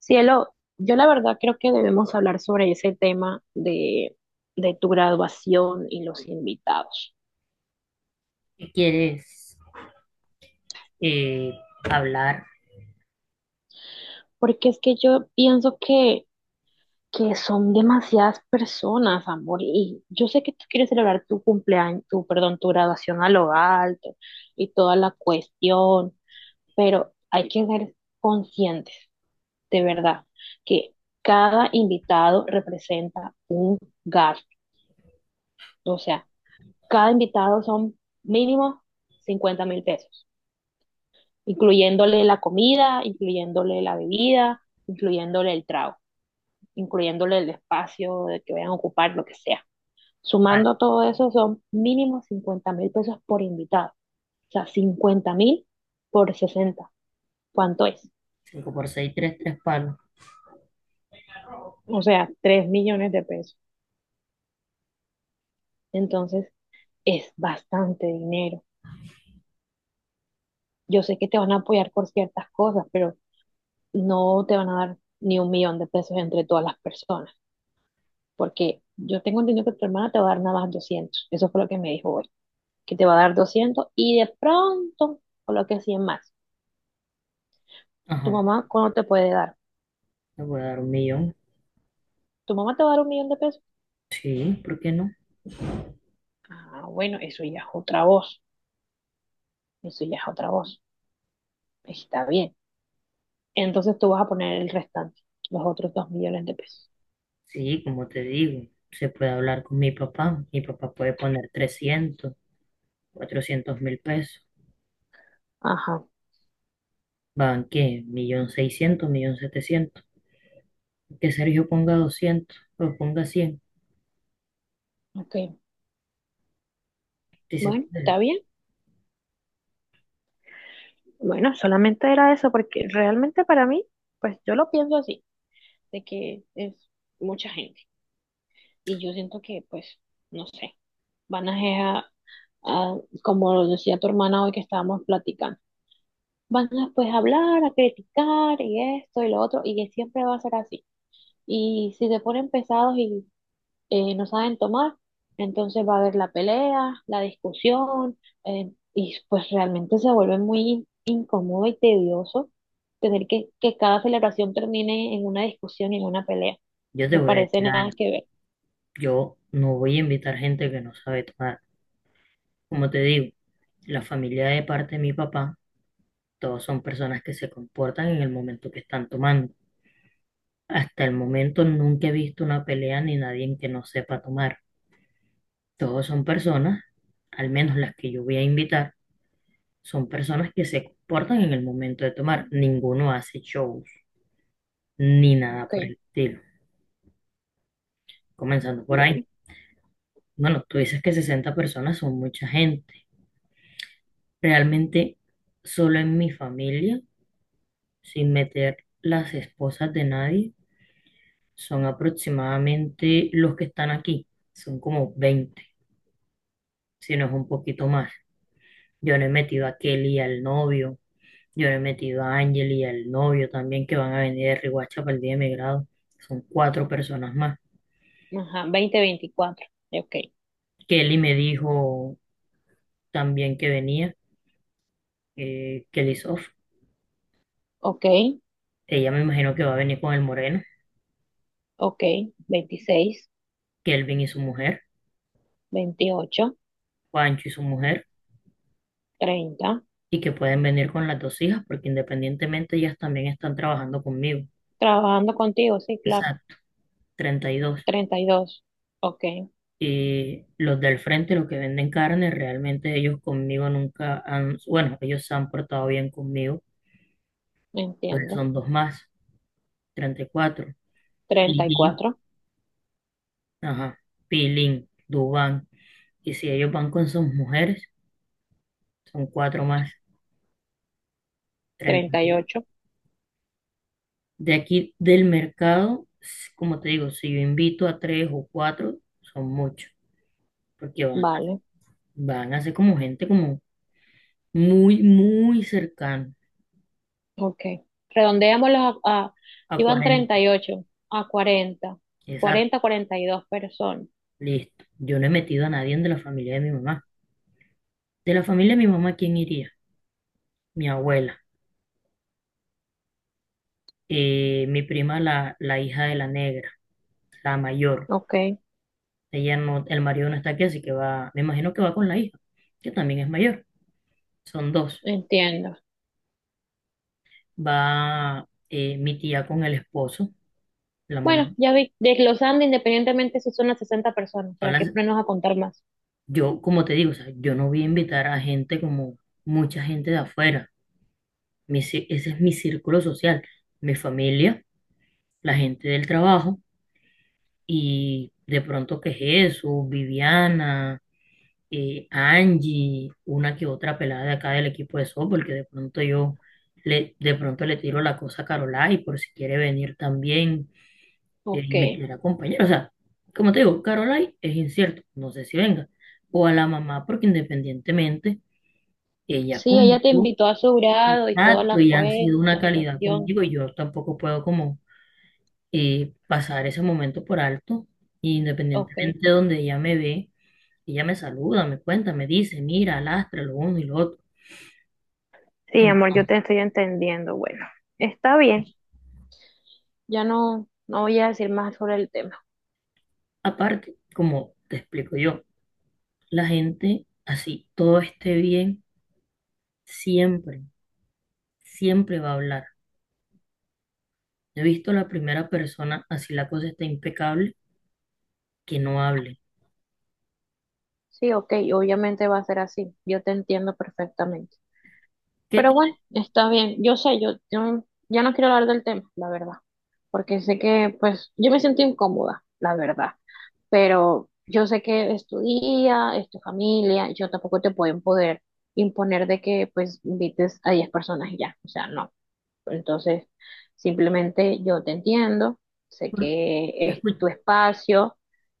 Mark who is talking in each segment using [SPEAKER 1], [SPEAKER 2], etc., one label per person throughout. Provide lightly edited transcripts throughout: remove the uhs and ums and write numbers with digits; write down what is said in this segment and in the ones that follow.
[SPEAKER 1] Cielo, yo la verdad creo que debemos hablar sobre ese tema de tu graduación y los invitados,
[SPEAKER 2] ¿Quieres eh, hablar?
[SPEAKER 1] porque es que yo pienso que son demasiadas personas, amor, y yo sé que tú quieres celebrar tu cumpleaños, perdón, tu graduación a lo alto y toda la cuestión, pero hay que ser conscientes, de verdad, que cada invitado representa gasto, o sea, cada invitado son mínimo 50.000 pesos, incluyéndole la comida, incluyéndole la bebida, incluyéndole el trago, incluyéndole el espacio de que vayan a ocupar, lo que sea.
[SPEAKER 2] Vale,
[SPEAKER 1] Sumando todo eso son mínimo 50.000 pesos por invitado. O sea, 50.000 por 60, ¿cuánto es?
[SPEAKER 2] 5 por 6, 3, 3 palos.
[SPEAKER 1] O sea, 3 millones de pesos. Entonces, es bastante dinero. Yo sé que te van a apoyar por ciertas cosas, pero no te van a dar ni un millón de pesos entre todas las personas, porque yo tengo entendido que tu hermana te va a dar nada más doscientos. Eso fue lo que me dijo hoy, que te va a dar 200 y de pronto coloque 100 más. ¿Tu
[SPEAKER 2] Ajá,
[SPEAKER 1] mamá cuándo te puede dar?
[SPEAKER 2] te voy a dar 1 millón.
[SPEAKER 1] ¿Tu mamá te va a dar un millón de pesos?
[SPEAKER 2] Sí, ¿por qué no?
[SPEAKER 1] Ah, bueno, eso ya es otra voz, eso ya es otra voz. Está bien. Entonces tú vas a poner el restante, los otros 2 millones de pesos.
[SPEAKER 2] Sí, como te digo, se puede hablar con mi papá. Mi papá puede poner 300, 400.000 pesos.
[SPEAKER 1] Ajá,
[SPEAKER 2] ¿Van qué? 1.600.000, 1.700.000. Que Sergio ponga 200, o ponga 100.
[SPEAKER 1] ok.
[SPEAKER 2] Si se
[SPEAKER 1] Bueno,
[SPEAKER 2] puede.
[SPEAKER 1] está bien. Bueno, solamente era eso, porque realmente para mí, pues yo lo pienso así, de que es mucha gente. Y yo siento que, pues, no sé, van a, como lo decía tu hermana hoy que estábamos platicando, van a pues hablar, a criticar y esto y lo otro, y que siempre va a ser así. Y si se ponen pesados y no saben tomar, entonces va a haber la pelea, la discusión, y pues realmente se vuelve muy incómodo y tedioso tener que cada celebración termine en una discusión y en una pelea.
[SPEAKER 2] Yo te
[SPEAKER 1] Me
[SPEAKER 2] voy a
[SPEAKER 1] parece
[SPEAKER 2] decir
[SPEAKER 1] nada
[SPEAKER 2] algo.
[SPEAKER 1] que ver.
[SPEAKER 2] Yo no voy a invitar gente que no sabe tomar. Como te digo, la familia de parte de mi papá, todos son personas que se comportan en el momento que están tomando. Hasta el momento nunca he visto una pelea ni nadie en que no sepa tomar. Todos son personas, al menos las que yo voy a invitar, son personas que se comportan en el momento de tomar. Ninguno hace shows ni nada por el
[SPEAKER 1] Ok,
[SPEAKER 2] estilo. Comenzando por ahí.
[SPEAKER 1] bueno,
[SPEAKER 2] Bueno, tú dices que 60 personas son mucha gente. Realmente, solo en mi familia, sin meter las esposas de nadie, son aproximadamente los que están aquí, son como 20, si no es un poquito más. Yo no he metido a Kelly y al novio, yo no he metido a Ángel y al novio también, que van a venir de Riohacha para el día de mi grado, son 4 personas más.
[SPEAKER 1] ajá, 20, 24 Ok,
[SPEAKER 2] Kelly me dijo también que venía, Kelly Sof,
[SPEAKER 1] ok.
[SPEAKER 2] ella, me imagino que va a venir con el moreno,
[SPEAKER 1] Ok, 26,
[SPEAKER 2] Kelvin y su mujer,
[SPEAKER 1] 28,
[SPEAKER 2] Juancho y su mujer,
[SPEAKER 1] 30.
[SPEAKER 2] y que pueden venir con las dos hijas porque independientemente ellas también están trabajando conmigo.
[SPEAKER 1] Trabajando contigo, sí, claro.
[SPEAKER 2] Exacto, 32.
[SPEAKER 1] 32, ok,
[SPEAKER 2] Y los del frente, los que venden carne, realmente ellos conmigo nunca han, bueno, ellos se han portado bien conmigo, pero
[SPEAKER 1] entiendo.
[SPEAKER 2] son dos más, 34.
[SPEAKER 1] Treinta y
[SPEAKER 2] Pilín,
[SPEAKER 1] cuatro.
[SPEAKER 2] ajá, Pilín, Dubán. Y si ellos van con sus mujeres, son 4 más, 30.
[SPEAKER 1] 38,
[SPEAKER 2] De aquí del mercado, como te digo, si yo invito a 3 o 4, son muchos, porque van,
[SPEAKER 1] vale,
[SPEAKER 2] van a ser como gente como muy, muy cercana
[SPEAKER 1] ok. Redondeémoslo a,
[SPEAKER 2] a
[SPEAKER 1] iban treinta
[SPEAKER 2] 40.
[SPEAKER 1] y ocho a 40.
[SPEAKER 2] Exacto.
[SPEAKER 1] Cuarenta y dos personas.
[SPEAKER 2] Listo. Yo no he metido a nadie de la familia de mi mamá. De la familia de mi mamá, ¿quién iría? Mi abuela, mi prima, la hija de la negra, la mayor.
[SPEAKER 1] Ok,
[SPEAKER 2] Ella no, el marido no está aquí, así que va, me imagino que va con la hija, que también es mayor. Son dos.
[SPEAKER 1] entiendo.
[SPEAKER 2] Va, mi tía con el esposo, la mamá.
[SPEAKER 1] Bueno, ya vi, desglosando independientemente si son las 60 personas,
[SPEAKER 2] Son
[SPEAKER 1] ¿para qué
[SPEAKER 2] las-
[SPEAKER 1] ponernos a contar más?
[SPEAKER 2] yo, como te digo, o sea, yo no voy a invitar a gente como mucha gente de afuera. Ese es mi círculo social, mi familia, la gente del trabajo. Y de pronto que Jesús, Viviana, Angie, una que otra pelada de acá del equipo de softball, que de pronto yo de pronto le tiro la cosa a Carolai por si quiere venir también
[SPEAKER 1] Ok.
[SPEAKER 2] y me quiere acompañar. O sea, como te digo, Carolai es incierto, no sé si venga. O a la mamá, porque independientemente, ella
[SPEAKER 1] Sí, ella te
[SPEAKER 2] conmigo,
[SPEAKER 1] invitó a su grado y toda
[SPEAKER 2] exacto,
[SPEAKER 1] la,
[SPEAKER 2] y han sido una
[SPEAKER 1] la
[SPEAKER 2] calidad
[SPEAKER 1] cuestión.
[SPEAKER 2] conmigo, y
[SPEAKER 1] Sí.
[SPEAKER 2] yo tampoco puedo como pasar ese momento por alto, y
[SPEAKER 1] Ok,
[SPEAKER 2] independientemente de donde ella me ve. Y ella me saluda, me cuenta, me dice, mira, lastra lo uno y lo otro.
[SPEAKER 1] sí, amor, yo te
[SPEAKER 2] Entonces,
[SPEAKER 1] estoy entendiendo. Bueno, está bien, ya no, no voy a decir más sobre el tema.
[SPEAKER 2] aparte, como te explico yo, la gente así, todo esté bien, siempre, siempre va a hablar. He visto la primera persona, así la cosa está impecable, que no hable.
[SPEAKER 1] Sí, ok, obviamente va a ser así, yo te entiendo perfectamente.
[SPEAKER 2] ¿Qué
[SPEAKER 1] Pero
[SPEAKER 2] tienes
[SPEAKER 1] bueno, está bien, yo sé, yo ya no quiero hablar del tema, la verdad, porque sé que, pues, yo me siento incómoda, la verdad, pero yo sé que es tu día, es tu familia, yo tampoco te puedo imponer, imponer de que, pues, invites a 10 personas y ya, o sea, no. Entonces, simplemente yo te entiendo, sé
[SPEAKER 2] por
[SPEAKER 1] que
[SPEAKER 2] qué
[SPEAKER 1] es tu
[SPEAKER 2] escuchar?
[SPEAKER 1] espacio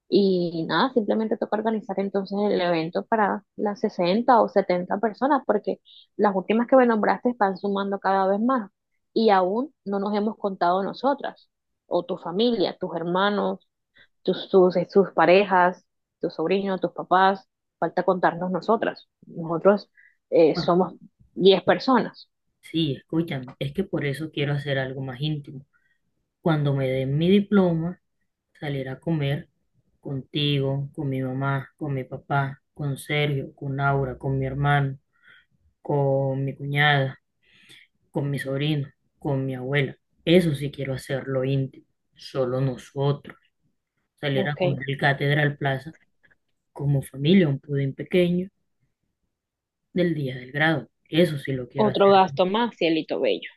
[SPEAKER 1] y nada, simplemente toca organizar entonces el evento para las 60 o 70 personas, porque las últimas que me nombraste están sumando cada vez más y aún no nos hemos contado nosotras, o tu familia, tus hermanos, sus parejas, tus sobrinos, tus papás, falta contarnos nosotras. Nosotros somos 10 personas.
[SPEAKER 2] Sí, escúchame, es que por eso quiero hacer algo más íntimo. Cuando me den mi diploma, salir a comer contigo, con mi mamá, con mi papá, con Sergio, con Aura, con mi hermano, con mi cuñada, con mi sobrino, con mi abuela. Eso sí quiero hacerlo íntimo, solo nosotros. Salir a
[SPEAKER 1] Ok.
[SPEAKER 2] comer el Catedral Plaza como familia, un pudín pequeño del día del grado. Eso sí lo quiero
[SPEAKER 1] Otro
[SPEAKER 2] hacer.
[SPEAKER 1] gasto más, cielito bello,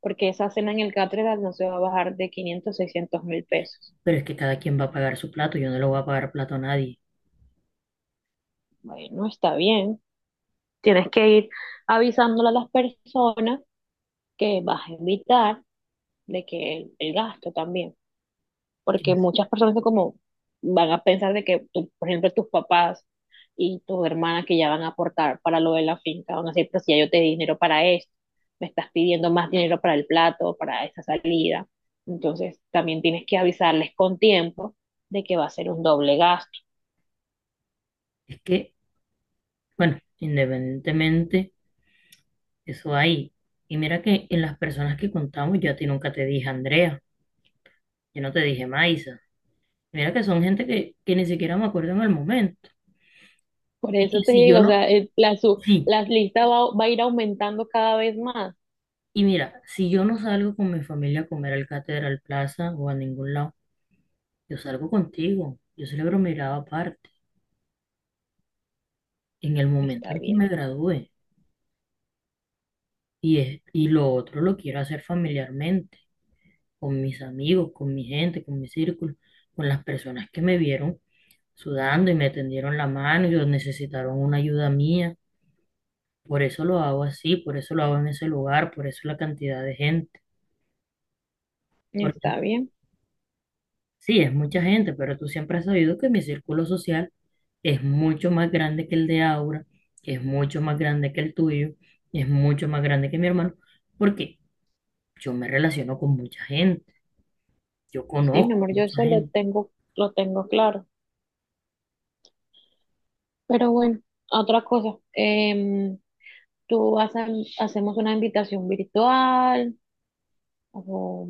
[SPEAKER 1] porque esa cena en el Catedral no se va a bajar de 500.000 o 600.000 pesos.
[SPEAKER 2] Pero es que cada quien va a pagar su plato, yo no le voy a pagar plato a nadie.
[SPEAKER 1] Bueno, está bien. Tienes que ir avisándole a las personas que vas a invitar de que el gasto también, porque
[SPEAKER 2] Es
[SPEAKER 1] muchas personas son como, van a pensar de que, tú, por ejemplo, tus papás y tus hermanas que ya van a aportar para lo de la finca, van a decir, pero si ya yo te di dinero para esto, me estás pidiendo más dinero para el plato, para esa salida. Entonces, también tienes que avisarles con tiempo de que va a ser un doble gasto.
[SPEAKER 2] es que, bueno, independientemente, eso hay. Y mira que en las personas que contamos, yo a ti nunca te dije Andrea, yo no te dije Maisa. Mira que son gente que ni siquiera me acuerdo en el momento.
[SPEAKER 1] Por
[SPEAKER 2] Y
[SPEAKER 1] eso
[SPEAKER 2] que
[SPEAKER 1] te
[SPEAKER 2] si yo
[SPEAKER 1] digo, o sea,
[SPEAKER 2] no, Sí,
[SPEAKER 1] la lista va a ir aumentando cada vez más.
[SPEAKER 2] y mira, si yo no salgo con mi familia a comer al Catedral Plaza o a ningún lado, yo salgo contigo, yo celebro mi grado aparte, en el momento
[SPEAKER 1] Está
[SPEAKER 2] en que me
[SPEAKER 1] bien,
[SPEAKER 2] gradúe, y lo otro lo quiero hacer familiarmente, con mis amigos, con mi gente, con mi círculo, con las personas que me vieron sudando y me tendieron la mano y o necesitaron una ayuda mía, por eso lo hago así, por eso lo hago en ese lugar, por eso la cantidad de gente, porque
[SPEAKER 1] está bien.
[SPEAKER 2] sí, es mucha gente, pero tú siempre has sabido que mi círculo social es mucho más grande que el de Aura, es mucho más grande que el tuyo, es mucho más grande que mi hermano, porque yo me relaciono con mucha gente, yo
[SPEAKER 1] Sí, mi
[SPEAKER 2] conozco
[SPEAKER 1] amor,
[SPEAKER 2] a
[SPEAKER 1] yo
[SPEAKER 2] mucha
[SPEAKER 1] eso
[SPEAKER 2] gente.
[SPEAKER 1] lo tengo claro. Pero bueno, otra cosa, tú vas a, hacemos una invitación virtual, o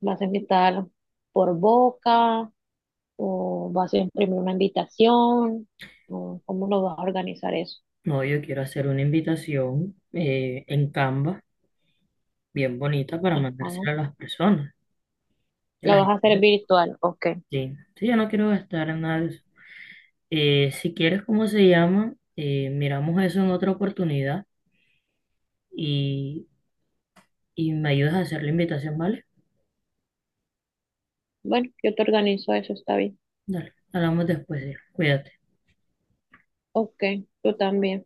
[SPEAKER 1] vas a invitar por boca, o vas a imprimir una invitación, o cómo lo vas a organizar eso.
[SPEAKER 2] No, yo quiero hacer una invitación en Canva, bien bonita, para
[SPEAKER 1] Ajá.
[SPEAKER 2] mandársela a las personas. a
[SPEAKER 1] Lo
[SPEAKER 2] la
[SPEAKER 1] vas a
[SPEAKER 2] gente-
[SPEAKER 1] hacer virtual, ok.
[SPEAKER 2] sí, sí, yo no quiero gastar en nada de eso. Si quieres, ¿cómo se llama? Miramos eso en otra oportunidad y, y me ayudas a hacer la invitación, ¿vale?
[SPEAKER 1] Bueno, yo te organizo eso, está bien.
[SPEAKER 2] Dale, hablamos después, sí. Cuídate.
[SPEAKER 1] Ok, tú también.